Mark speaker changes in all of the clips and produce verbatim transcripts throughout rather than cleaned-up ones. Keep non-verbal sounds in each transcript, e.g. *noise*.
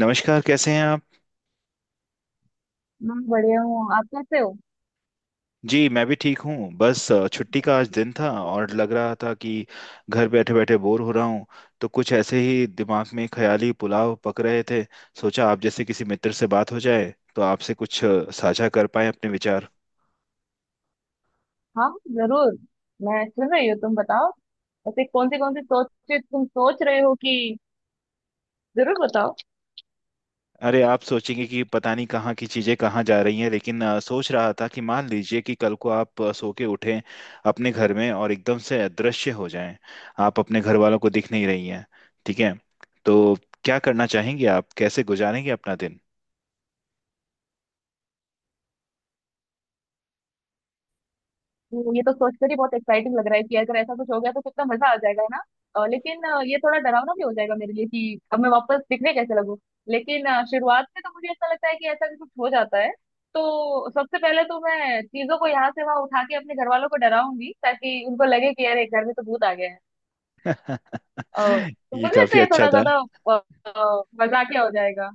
Speaker 1: नमस्कार। कैसे हैं आप?
Speaker 2: मैं बढ़िया हूँ। आप कैसे हो?
Speaker 1: जी, मैं भी ठीक हूँ। बस अ, छुट्टी का आज दिन था और लग रहा था कि घर बैठे बैठे बोर हो रहा हूँ। तो कुछ ऐसे ही दिमाग में ख्याली पुलाव पक रहे थे। सोचा, आप जैसे किसी मित्र से बात हो जाए तो आपसे कुछ अ, साझा कर पाए अपने विचार।
Speaker 2: हाँ, जरूर। मैं सुन रही हूँ, तुम बताओ। ऐसे कौन सी कौन सी सोच तुम सोच रहे हो कि, जरूर बताओ।
Speaker 1: अरे, आप सोचेंगे कि पता नहीं कहाँ की चीजें कहाँ जा रही हैं, लेकिन अ, सोच रहा था कि मान लीजिए कि कल को आप अ, सो के उठें अपने घर में, और एकदम से अदृश्य हो जाएं। आप अपने घर वालों को दिख नहीं रही हैं, ठीक है? तो क्या करना चाहेंगे आप? कैसे गुजारेंगे अपना दिन?
Speaker 2: तो ये तो सोचकर ही बहुत एक्साइटिंग लग रहा है कि अगर ऐसा कुछ हो गया तो कितना मजा आ जाएगा, है ना। अ, लेकिन अ, ये थोड़ा डरावना भी हो जाएगा मेरे लिए कि अब मैं वापस दिखने कैसे लगूं। लेकिन अ, शुरुआत में तो मुझे ऐसा लगता है कि ऐसा भी कुछ हो जाता है तो सबसे पहले तो मैं चीजों को यहाँ से वहां उठा के अपने घर वालों को डराऊंगी, ताकि उनको लगे कि अरे घर में तो भूत आ गया है। अ,
Speaker 1: *laughs*
Speaker 2: तो
Speaker 1: ये
Speaker 2: मुझे लगता
Speaker 1: काफी
Speaker 2: है ये
Speaker 1: अच्छा
Speaker 2: थोड़ा
Speaker 1: था।
Speaker 2: ज्यादा अ, मजाकिया हो जाएगा,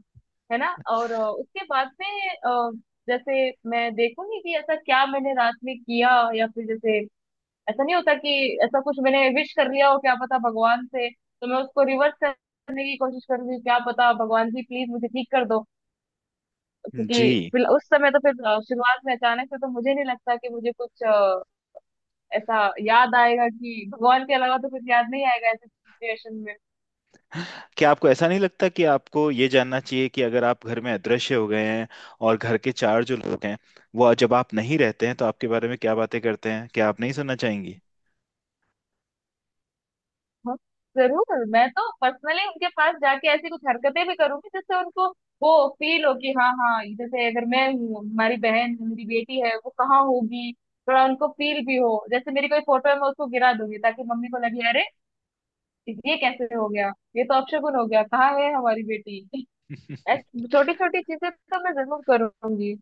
Speaker 2: है ना। और अ, उसके बाद में अ, जैसे मैं देखूंगी कि ऐसा क्या मैंने रात में किया, या फिर जैसे ऐसा नहीं होता कि ऐसा कुछ मैंने विश कर लिया हो, क्या पता भगवान से। तो मैं उसको रिवर्स करने की कोशिश करूंगी, क्या पता, भगवान जी प्लीज मुझे ठीक कर दो।
Speaker 1: जी।
Speaker 2: क्योंकि फिर उस समय तो फिर अ, शुरुआत में अचानक से तो मुझे नहीं लगता कि मुझे कुछ अ, ऐसा याद आएगा कि भगवान के अलावा तो कुछ याद नहीं आएगा ऐसी सिचुएशन में।
Speaker 1: क्या आपको ऐसा नहीं लगता कि आपको ये जानना चाहिए कि अगर आप घर में अदृश्य हो गए हैं, और घर के चार जो लोग हैं वो जब आप नहीं रहते हैं तो आपके बारे में क्या बातें करते हैं? क्या आप नहीं सुनना चाहेंगी?
Speaker 2: हाँ, जरूर। मैं तो पर्सनली उनके पास जाके ऐसी कुछ हरकतें भी करूंगी जिससे उनको वो फील हो कि हाँ हाँ, जैसे अगर मैं हूँ, हमारी बहन है, मेरी बेटी है वो कहाँ होगी। थोड़ा उनको फील भी हो, जैसे मेरी कोई फोटो है मैं उसको गिरा दूंगी ताकि मम्मी को लगे, अरे ये कैसे हो गया, ये तो अपशगुन हो गया, कहाँ है हमारी बेटी। *laughs*
Speaker 1: *laughs*
Speaker 2: छोटी छोटी चीजें तो मैं जरूर करूंगी।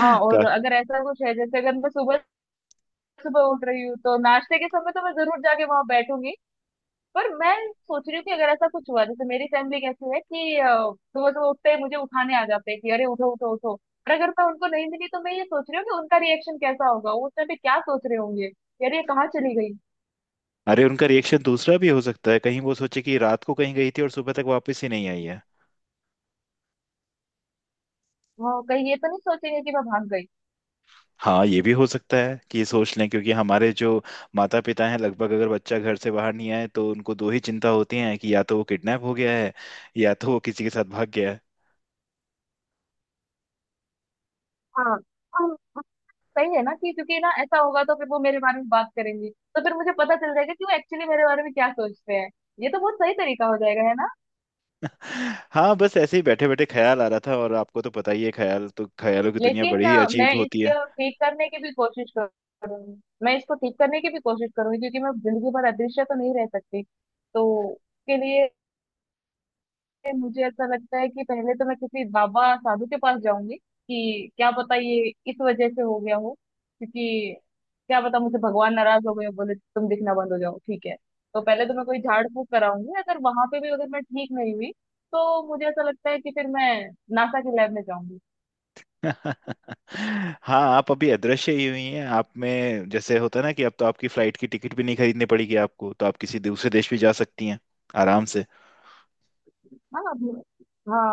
Speaker 2: हाँ, और
Speaker 1: का,
Speaker 2: अगर ऐसा कुछ है जैसे अगर मैं सुबह सुबह उठ रही हूँ तो नाश्ते के समय तो मैं जरूर जाके वहां बैठूंगी। पर मैं सोच रही हूँ कि अगर ऐसा कुछ हुआ, जैसे मेरी फैमिली कैसी है कि अ, सुबह सुबह उठते ही मुझे उठाने आ जाते हैं कि अरे उठो उठो उठो। पर अगर मैं उनको नहीं मिली तो मैं ये सोच रही हूँ कि उनका रिएक्शन कैसा होगा, वो उस टाइम पे क्या सोच रहे होंगे कि अरे ये कहाँ चली गई।
Speaker 1: अरे, उनका रिएक्शन दूसरा भी हो सकता है। कहीं वो सोचे कि रात को कहीं गई थी और सुबह तक वापस ही नहीं आई है।
Speaker 2: हाँ, कहीं ये तो नहीं सोचेंगे कि मैं भाग गई।
Speaker 1: हाँ, ये भी हो सकता है कि ये सोच लें, क्योंकि हमारे जो माता पिता हैं, लगभग अगर बच्चा घर से बाहर नहीं आए तो उनको दो ही चिंता होती हैं कि या तो वो किडनैप हो गया है, या तो वो किसी के साथ भाग गया है।
Speaker 2: हाँ। हम। सही है ना कि, क्योंकि ना ऐसा होगा तो फिर वो मेरे बारे में बात करेंगे तो फिर मुझे पता चल जाएगा कि वो एक्चुअली मेरे बारे में क्या सोचते हैं। ये तो बहुत सही तरीका हो जाएगा, है ना।
Speaker 1: *laughs* हाँ, बस ऐसे ही बैठे बैठे ख्याल आ रहा था, और आपको तो पता ही है, ख्याल तो ख्यालों की दुनिया
Speaker 2: लेकिन
Speaker 1: बड़ी ही
Speaker 2: अ,
Speaker 1: अजीब
Speaker 2: मैं
Speaker 1: होती है।
Speaker 2: इसको ठीक करने की भी कोशिश करूंगी। मैं इसको ठीक करने की भी कोशिश करूंगी क्योंकि मैं जिंदगी भर अदृश्य तो नहीं रह सकती। तो उसके लिए मुझे ऐसा लगता है कि पहले तो मैं किसी बाबा साधु के पास जाऊंगी कि क्या पता ये इस वजह से हो गया हो। क्योंकि क्या पता मुझे भगवान नाराज हो गए, बोले तुम दिखना बंद हो जाओ, ठीक है। तो पहले तो मैं कोई झाड़ फूक कराऊंगी। अगर वहां पे भी अगर मैं ठीक नहीं हुई तो मुझे ऐसा लगता है कि फिर मैं नासा के लैब में जाऊंगी।
Speaker 1: *laughs* हाँ, आप अभी अदृश्य ही हुई हैं। आप में जैसे होता है ना कि अब तो आपकी फ्लाइट की टिकट भी नहीं खरीदनी पड़ेगी आपको, तो आप किसी दूसरे देश भी जा सकती हैं, आराम से।
Speaker 2: हाँ अब- हाँ,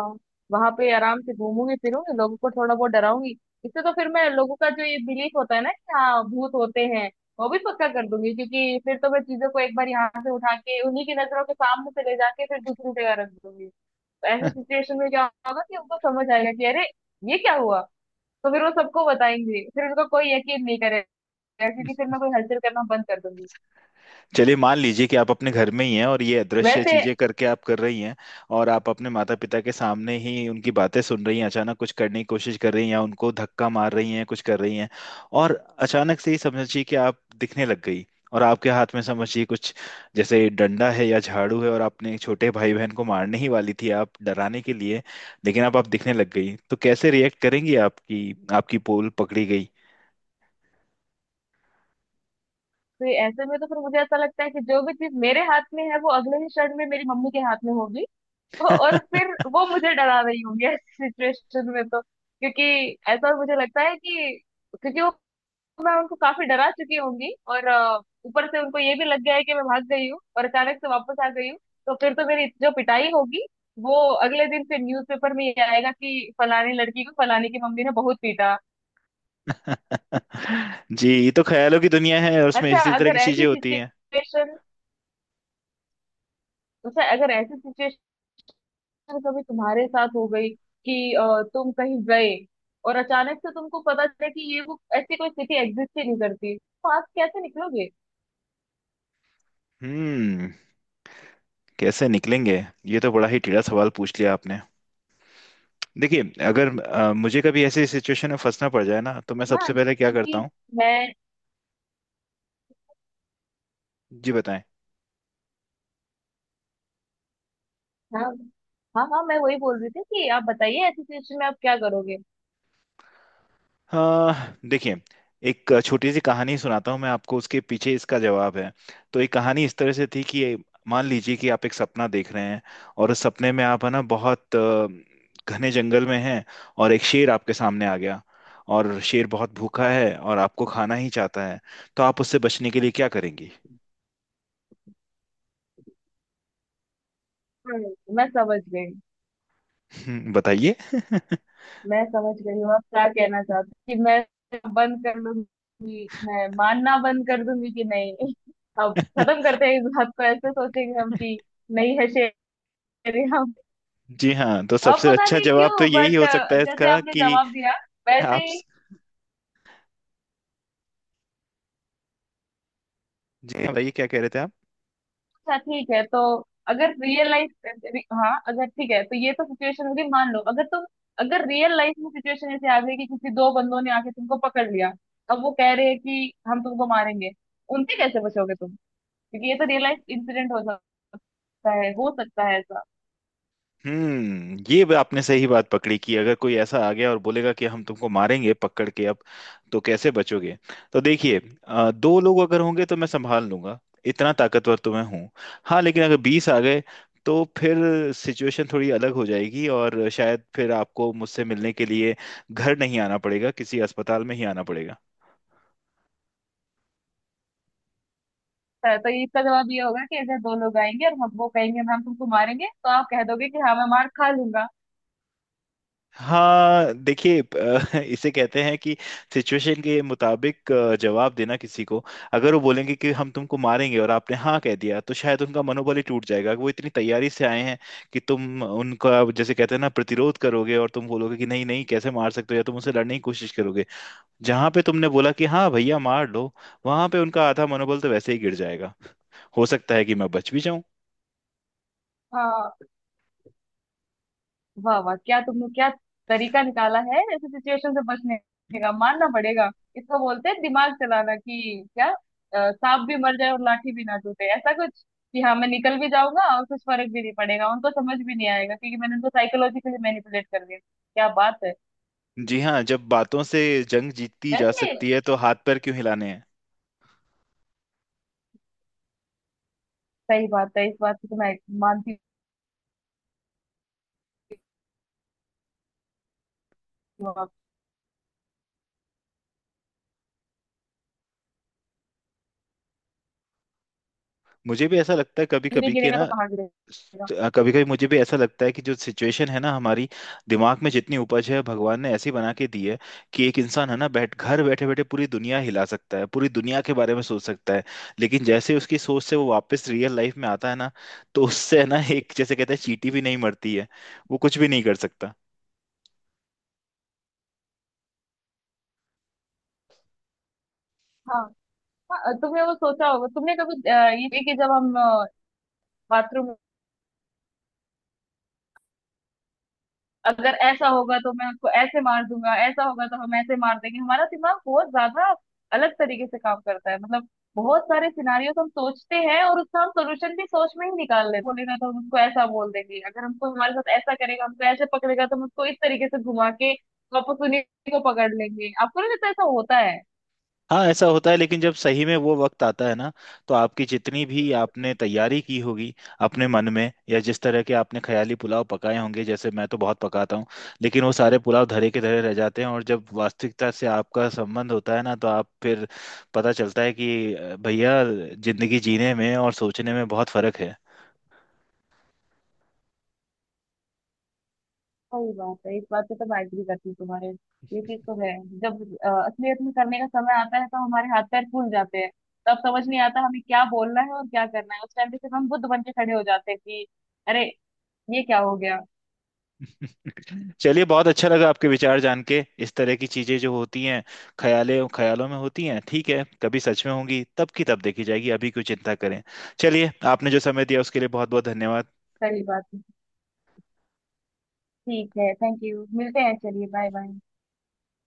Speaker 2: वहां पे आराम से घूमूंगी फिरूंगी, लोगों को थोड़ा बहुत डराऊंगी। इससे तो फिर मैं लोगों का जो ये बिलीफ होता है ना कि हाँ भूत होते हैं, वो भी पक्का कर दूंगी। क्योंकि फिर तो मैं चीजों को एक बार यहाँ से उठा के उन्हीं की नजरों के सामने से ले जाके फिर दूसरी जगह रख दूंगी। तो ऐसे सिचुएशन में क्या होगा कि उनको समझ आएगा कि अरे ये क्या हुआ। तो फिर वो सबको बताएंगे, फिर उनको कोई यकीन नहीं करेगा क्योंकि फिर मैं कोई हलचल करना बंद कर दूंगी।
Speaker 1: चलिए, मान लीजिए कि आप अपने घर में ही हैं और ये अदृश्य
Speaker 2: वैसे,
Speaker 1: चीजें करके आप कर रही हैं, और आप अपने माता पिता के सामने ही उनकी बातें सुन रही हैं, अचानक कुछ करने की कोशिश कर रही हैं या उनको धक्का मार रही हैं, कुछ कर रही हैं। और अचानक से ही समझिए कि आप दिखने लग गई, और आपके हाथ में समझिए कुछ जैसे डंडा है या झाड़ू है, और आपने एक छोटे भाई बहन को मारने ही वाली थी, आप डराने के लिए। लेकिन अब आप दिखने लग गई, तो कैसे रिएक्ट करेंगी? आपकी आपकी पोल पकड़ी गई।
Speaker 2: तो ऐसे में तो फिर मुझे ऐसा लगता है कि जो भी चीज मेरे हाथ में है वो अगले ही क्षण में मेरी मम्मी के हाथ में होगी। और फिर
Speaker 1: *laughs*
Speaker 2: वो मुझे डरा रही होंगी ऐसी सिचुएशन में, तो क्योंकि ऐसा मुझे लगता है कि, क्योंकि वो मैं उनको काफी डरा चुकी होंगी। और अ, ऊपर से उनको ये भी लग गया है कि मैं भाग गई हूँ और अचानक से वापस आ गई हूँ। तो फिर तो मेरी जो पिटाई होगी वो अगले दिन फिर न्यूज़पेपर में ये आएगा कि फलानी लड़की को फलानी की मम्मी ने बहुत पीटा।
Speaker 1: *laughs* जी, ये तो ख्यालों की दुनिया है, और उसमें
Speaker 2: अच्छा
Speaker 1: इसी तरह
Speaker 2: अगर
Speaker 1: की चीजें
Speaker 2: ऐसी
Speaker 1: होती हैं।
Speaker 2: सिचुएशन अच्छा अगर ऐसी सिचुएशन अगर कभी तुम्हारे साथ हो गई कि अ, तुम कहीं गए और अचानक से तुमको पता चले कि ये वो ऐसी कोई स्थिति एग्जिस्ट ही नहीं करती, तो आप कैसे निकलोगे?
Speaker 1: हम्म कैसे निकलेंगे? ये तो बड़ा ही टेढ़ा सवाल पूछ लिया आपने। देखिए, अगर अ, मुझे कभी ऐसी सिचुएशन में फंसना पड़ जाए ना, तो मैं सबसे
Speaker 2: हाँ
Speaker 1: पहले क्या करता
Speaker 2: क्योंकि
Speaker 1: हूँ?
Speaker 2: मैं
Speaker 1: जी, बताएं।
Speaker 2: हाँ हाँ हाँ मैं वही बोल रही थी कि आप बताइए ऐसी सिचुएशन में आप क्या करोगे।
Speaker 1: हाँ, देखिए। एक छोटी सी कहानी सुनाता हूँ मैं आपको, उसके पीछे इसका जवाब है। तो एक कहानी इस तरह से थी कि मान लीजिए कि आप एक सपना देख रहे हैं, और उस सपने में आप है ना, बहुत अ, घने जंगल में हैं। और एक शेर आपके सामने आ गया, और शेर बहुत भूखा है और आपको खाना ही चाहता है। तो आप उससे बचने के लिए क्या करेंगी?
Speaker 2: हाँ, मैं समझ गई।
Speaker 1: *laughs* बताइए।
Speaker 2: मैं समझ गई हूँ आप क्या कहना चाहते हो कि मैं बंद कर लूंगी, मैं मानना बंद कर दूंगी कि नहीं। *laughs* अब खत्म
Speaker 1: *laughs*
Speaker 2: करते हैं इस बात को, ऐसे सोचेंगे हम कि नहीं है शेर।
Speaker 1: जी हाँ, तो
Speaker 2: अब
Speaker 1: सबसे
Speaker 2: पता
Speaker 1: अच्छा
Speaker 2: नहीं
Speaker 1: जवाब तो
Speaker 2: क्यों
Speaker 1: यही
Speaker 2: बट
Speaker 1: हो सकता है
Speaker 2: जैसे
Speaker 1: इसका,
Speaker 2: आपने
Speaker 1: कि
Speaker 2: जवाब दिया वैसे
Speaker 1: आप।
Speaker 2: ही।
Speaker 1: जी हाँ, बताइए क्या कह रहे थे आप।
Speaker 2: अच्छा, ठीक है, तो अगर रियल लाइफ, हाँ अगर ठीक है, तो ये तो सिचुएशन होगी, मान लो अगर तुम, अगर रियल लाइफ में सिचुएशन ऐसे आ गई कि किसी दो बंदों ने आके तुमको पकड़ लिया, अब वो कह रहे हैं कि हम तुमको मारेंगे, उनसे कैसे बचोगे तुम? क्योंकि ये तो रियल लाइफ इंसिडेंट हो सकता है, हो सकता है ऐसा।
Speaker 1: हम्म ये भी आपने सही बात पकड़ी कि अगर कोई ऐसा आ गया और बोलेगा कि हम तुमको मारेंगे, पकड़ के, अब तो कैसे बचोगे? तो देखिए, अ, दो लोग अगर होंगे तो मैं संभाल लूंगा। इतना ताकतवर तो मैं हूँ। हाँ, लेकिन अगर बीस आ गए तो फिर सिचुएशन थोड़ी अलग हो जाएगी, और शायद फिर आपको मुझसे मिलने के लिए घर नहीं आना पड़ेगा, किसी अस्पताल में ही आना पड़ेगा।
Speaker 2: तो तो इसका जवाब ये होगा कि अगर दो लोग आएंगे और हम, वो कहेंगे हम तुमको मारेंगे तो आप कह दोगे कि हाँ मैं मार खा लूंगा।
Speaker 1: हाँ, देखिए। अ, *laughs* इसे कहते हैं कि सिचुएशन के मुताबिक अ, जवाब देना किसी को। अगर वो बोलेंगे कि हम तुमको मारेंगे और आपने हाँ कह दिया, तो शायद उनका मनोबल ही टूट जाएगा। वो इतनी तैयारी से आए हैं कि तुम उनका, जैसे कहते हैं ना, प्रतिरोध करोगे और तुम बोलोगे कि नहीं नहीं, कैसे मार सकते हो, या तुम उनसे लड़ने की कोशिश करोगे। जहां पे तुमने बोला कि हाँ भैया, मार लो, वहां पे उनका आधा मनोबल तो वैसे ही गिर जाएगा। हो सकता है कि मैं बच भी जाऊं।
Speaker 2: हाँ, वाह वाह, क्या तुमने क्या तरीका निकाला है ऐसे सिचुएशन से बचने का, मानना पड़ेगा। इसको बोलते हैं दिमाग चलाना कि क्या, अ, सांप भी मर जाए और लाठी भी ना टूटे, ऐसा कुछ कि हाँ मैं निकल भी जाऊंगा और कुछ फर्क भी नहीं पड़ेगा, उनको समझ भी नहीं आएगा क्योंकि मैंने उनको साइकोलॉजिकली मैनिपुलेट कर दिया। क्या बात है।
Speaker 1: जी हाँ, जब बातों से जंग जीती जा
Speaker 2: वैसे
Speaker 1: सकती है तो हाथ पैर क्यों हिलाने हैं?
Speaker 2: सही बात है, इस बात की तो मैं मानती हूँ
Speaker 1: मुझे भी ऐसा लगता है कभी
Speaker 2: आपकी। नहीं
Speaker 1: कभी कि
Speaker 2: गिरेगा तो
Speaker 1: ना,
Speaker 2: कहाँ गिरेगा।
Speaker 1: कभी कभी मुझे भी ऐसा लगता है कि जो सिचुएशन है ना हमारी, दिमाग में जितनी उपज है भगवान ने ऐसी बना के दी है कि एक इंसान है ना, बैठ घर बैठे बैठे पूरी दुनिया हिला सकता है, पूरी दुनिया के बारे में सोच सकता है। लेकिन जैसे उसकी सोच से वो वापस रियल लाइफ में आता है ना, तो उससे है ना, एक जैसे कहते हैं, चींटी भी नहीं मरती है, वो कुछ भी नहीं कर सकता।
Speaker 2: हाँ, हाँ, तुमने वो सोचा होगा तुमने कभी अ, ये कि जब हम बाथरूम, अगर ऐसा होगा तो मैं उसको ऐसे मार दूंगा, ऐसा होगा तो हम ऐसे मार देंगे। हमारा दिमाग बहुत ज्यादा अलग तरीके से काम करता है, मतलब बहुत सारे सिनारियोस हम सोचते हैं और उसका हम सोल्यूशन भी सोच में ही निकाल लेते हैं। बोलेगा तो हम उसको ऐसा बोल देंगे, अगर हमको, हमारे साथ ऐसा करेगा, हमको ऐसे पकड़ेगा तो हम उसको इस तरीके से घुमा के वापस उन्हीं को पकड़ लेंगे। आपको नहीं लगता ऐसा होता है?
Speaker 1: हाँ, ऐसा होता है, लेकिन जब सही में वो वक्त आता है ना, तो आपकी जितनी भी आपने तैयारी की होगी अपने मन में, या जिस तरह के आपने ख्याली पुलाव पकाए होंगे, जैसे मैं तो बहुत पकाता हूँ, लेकिन वो सारे पुलाव धरे के धरे रह जाते हैं। और जब वास्तविकता से आपका संबंध होता है ना, तो आप फिर पता चलता है कि अ, भैया, जिंदगी जीने में और सोचने में बहुत फर्क है।
Speaker 2: सही बात है, इस बात पे तो मैं एग्री करती हूँ तुम्हारे। ये चीज तो है, जब अ, असलियत में करने का समय आता है तो हमारे हाथ पैर फूल जाते हैं। तब समझ नहीं आता हमें क्या बोलना है और क्या करना है, उस टाइम पे सिर्फ हम बुद्ध बन के खड़े हो जाते हैं कि अरे ये क्या हो गया।
Speaker 1: *laughs* चलिए, बहुत अच्छा लगा आपके विचार जान के। इस तरह की चीजें जो होती हैं ख्याले ख्यालों में होती हैं, ठीक है? कभी सच में होंगी तब की तब देखी जाएगी, अभी क्यों चिंता करें। चलिए, आपने जो समय दिया उसके लिए बहुत बहुत धन्यवाद।
Speaker 2: सही बात है, ठीक है, थैंक यू, मिलते हैं, चलिए बाय बाय।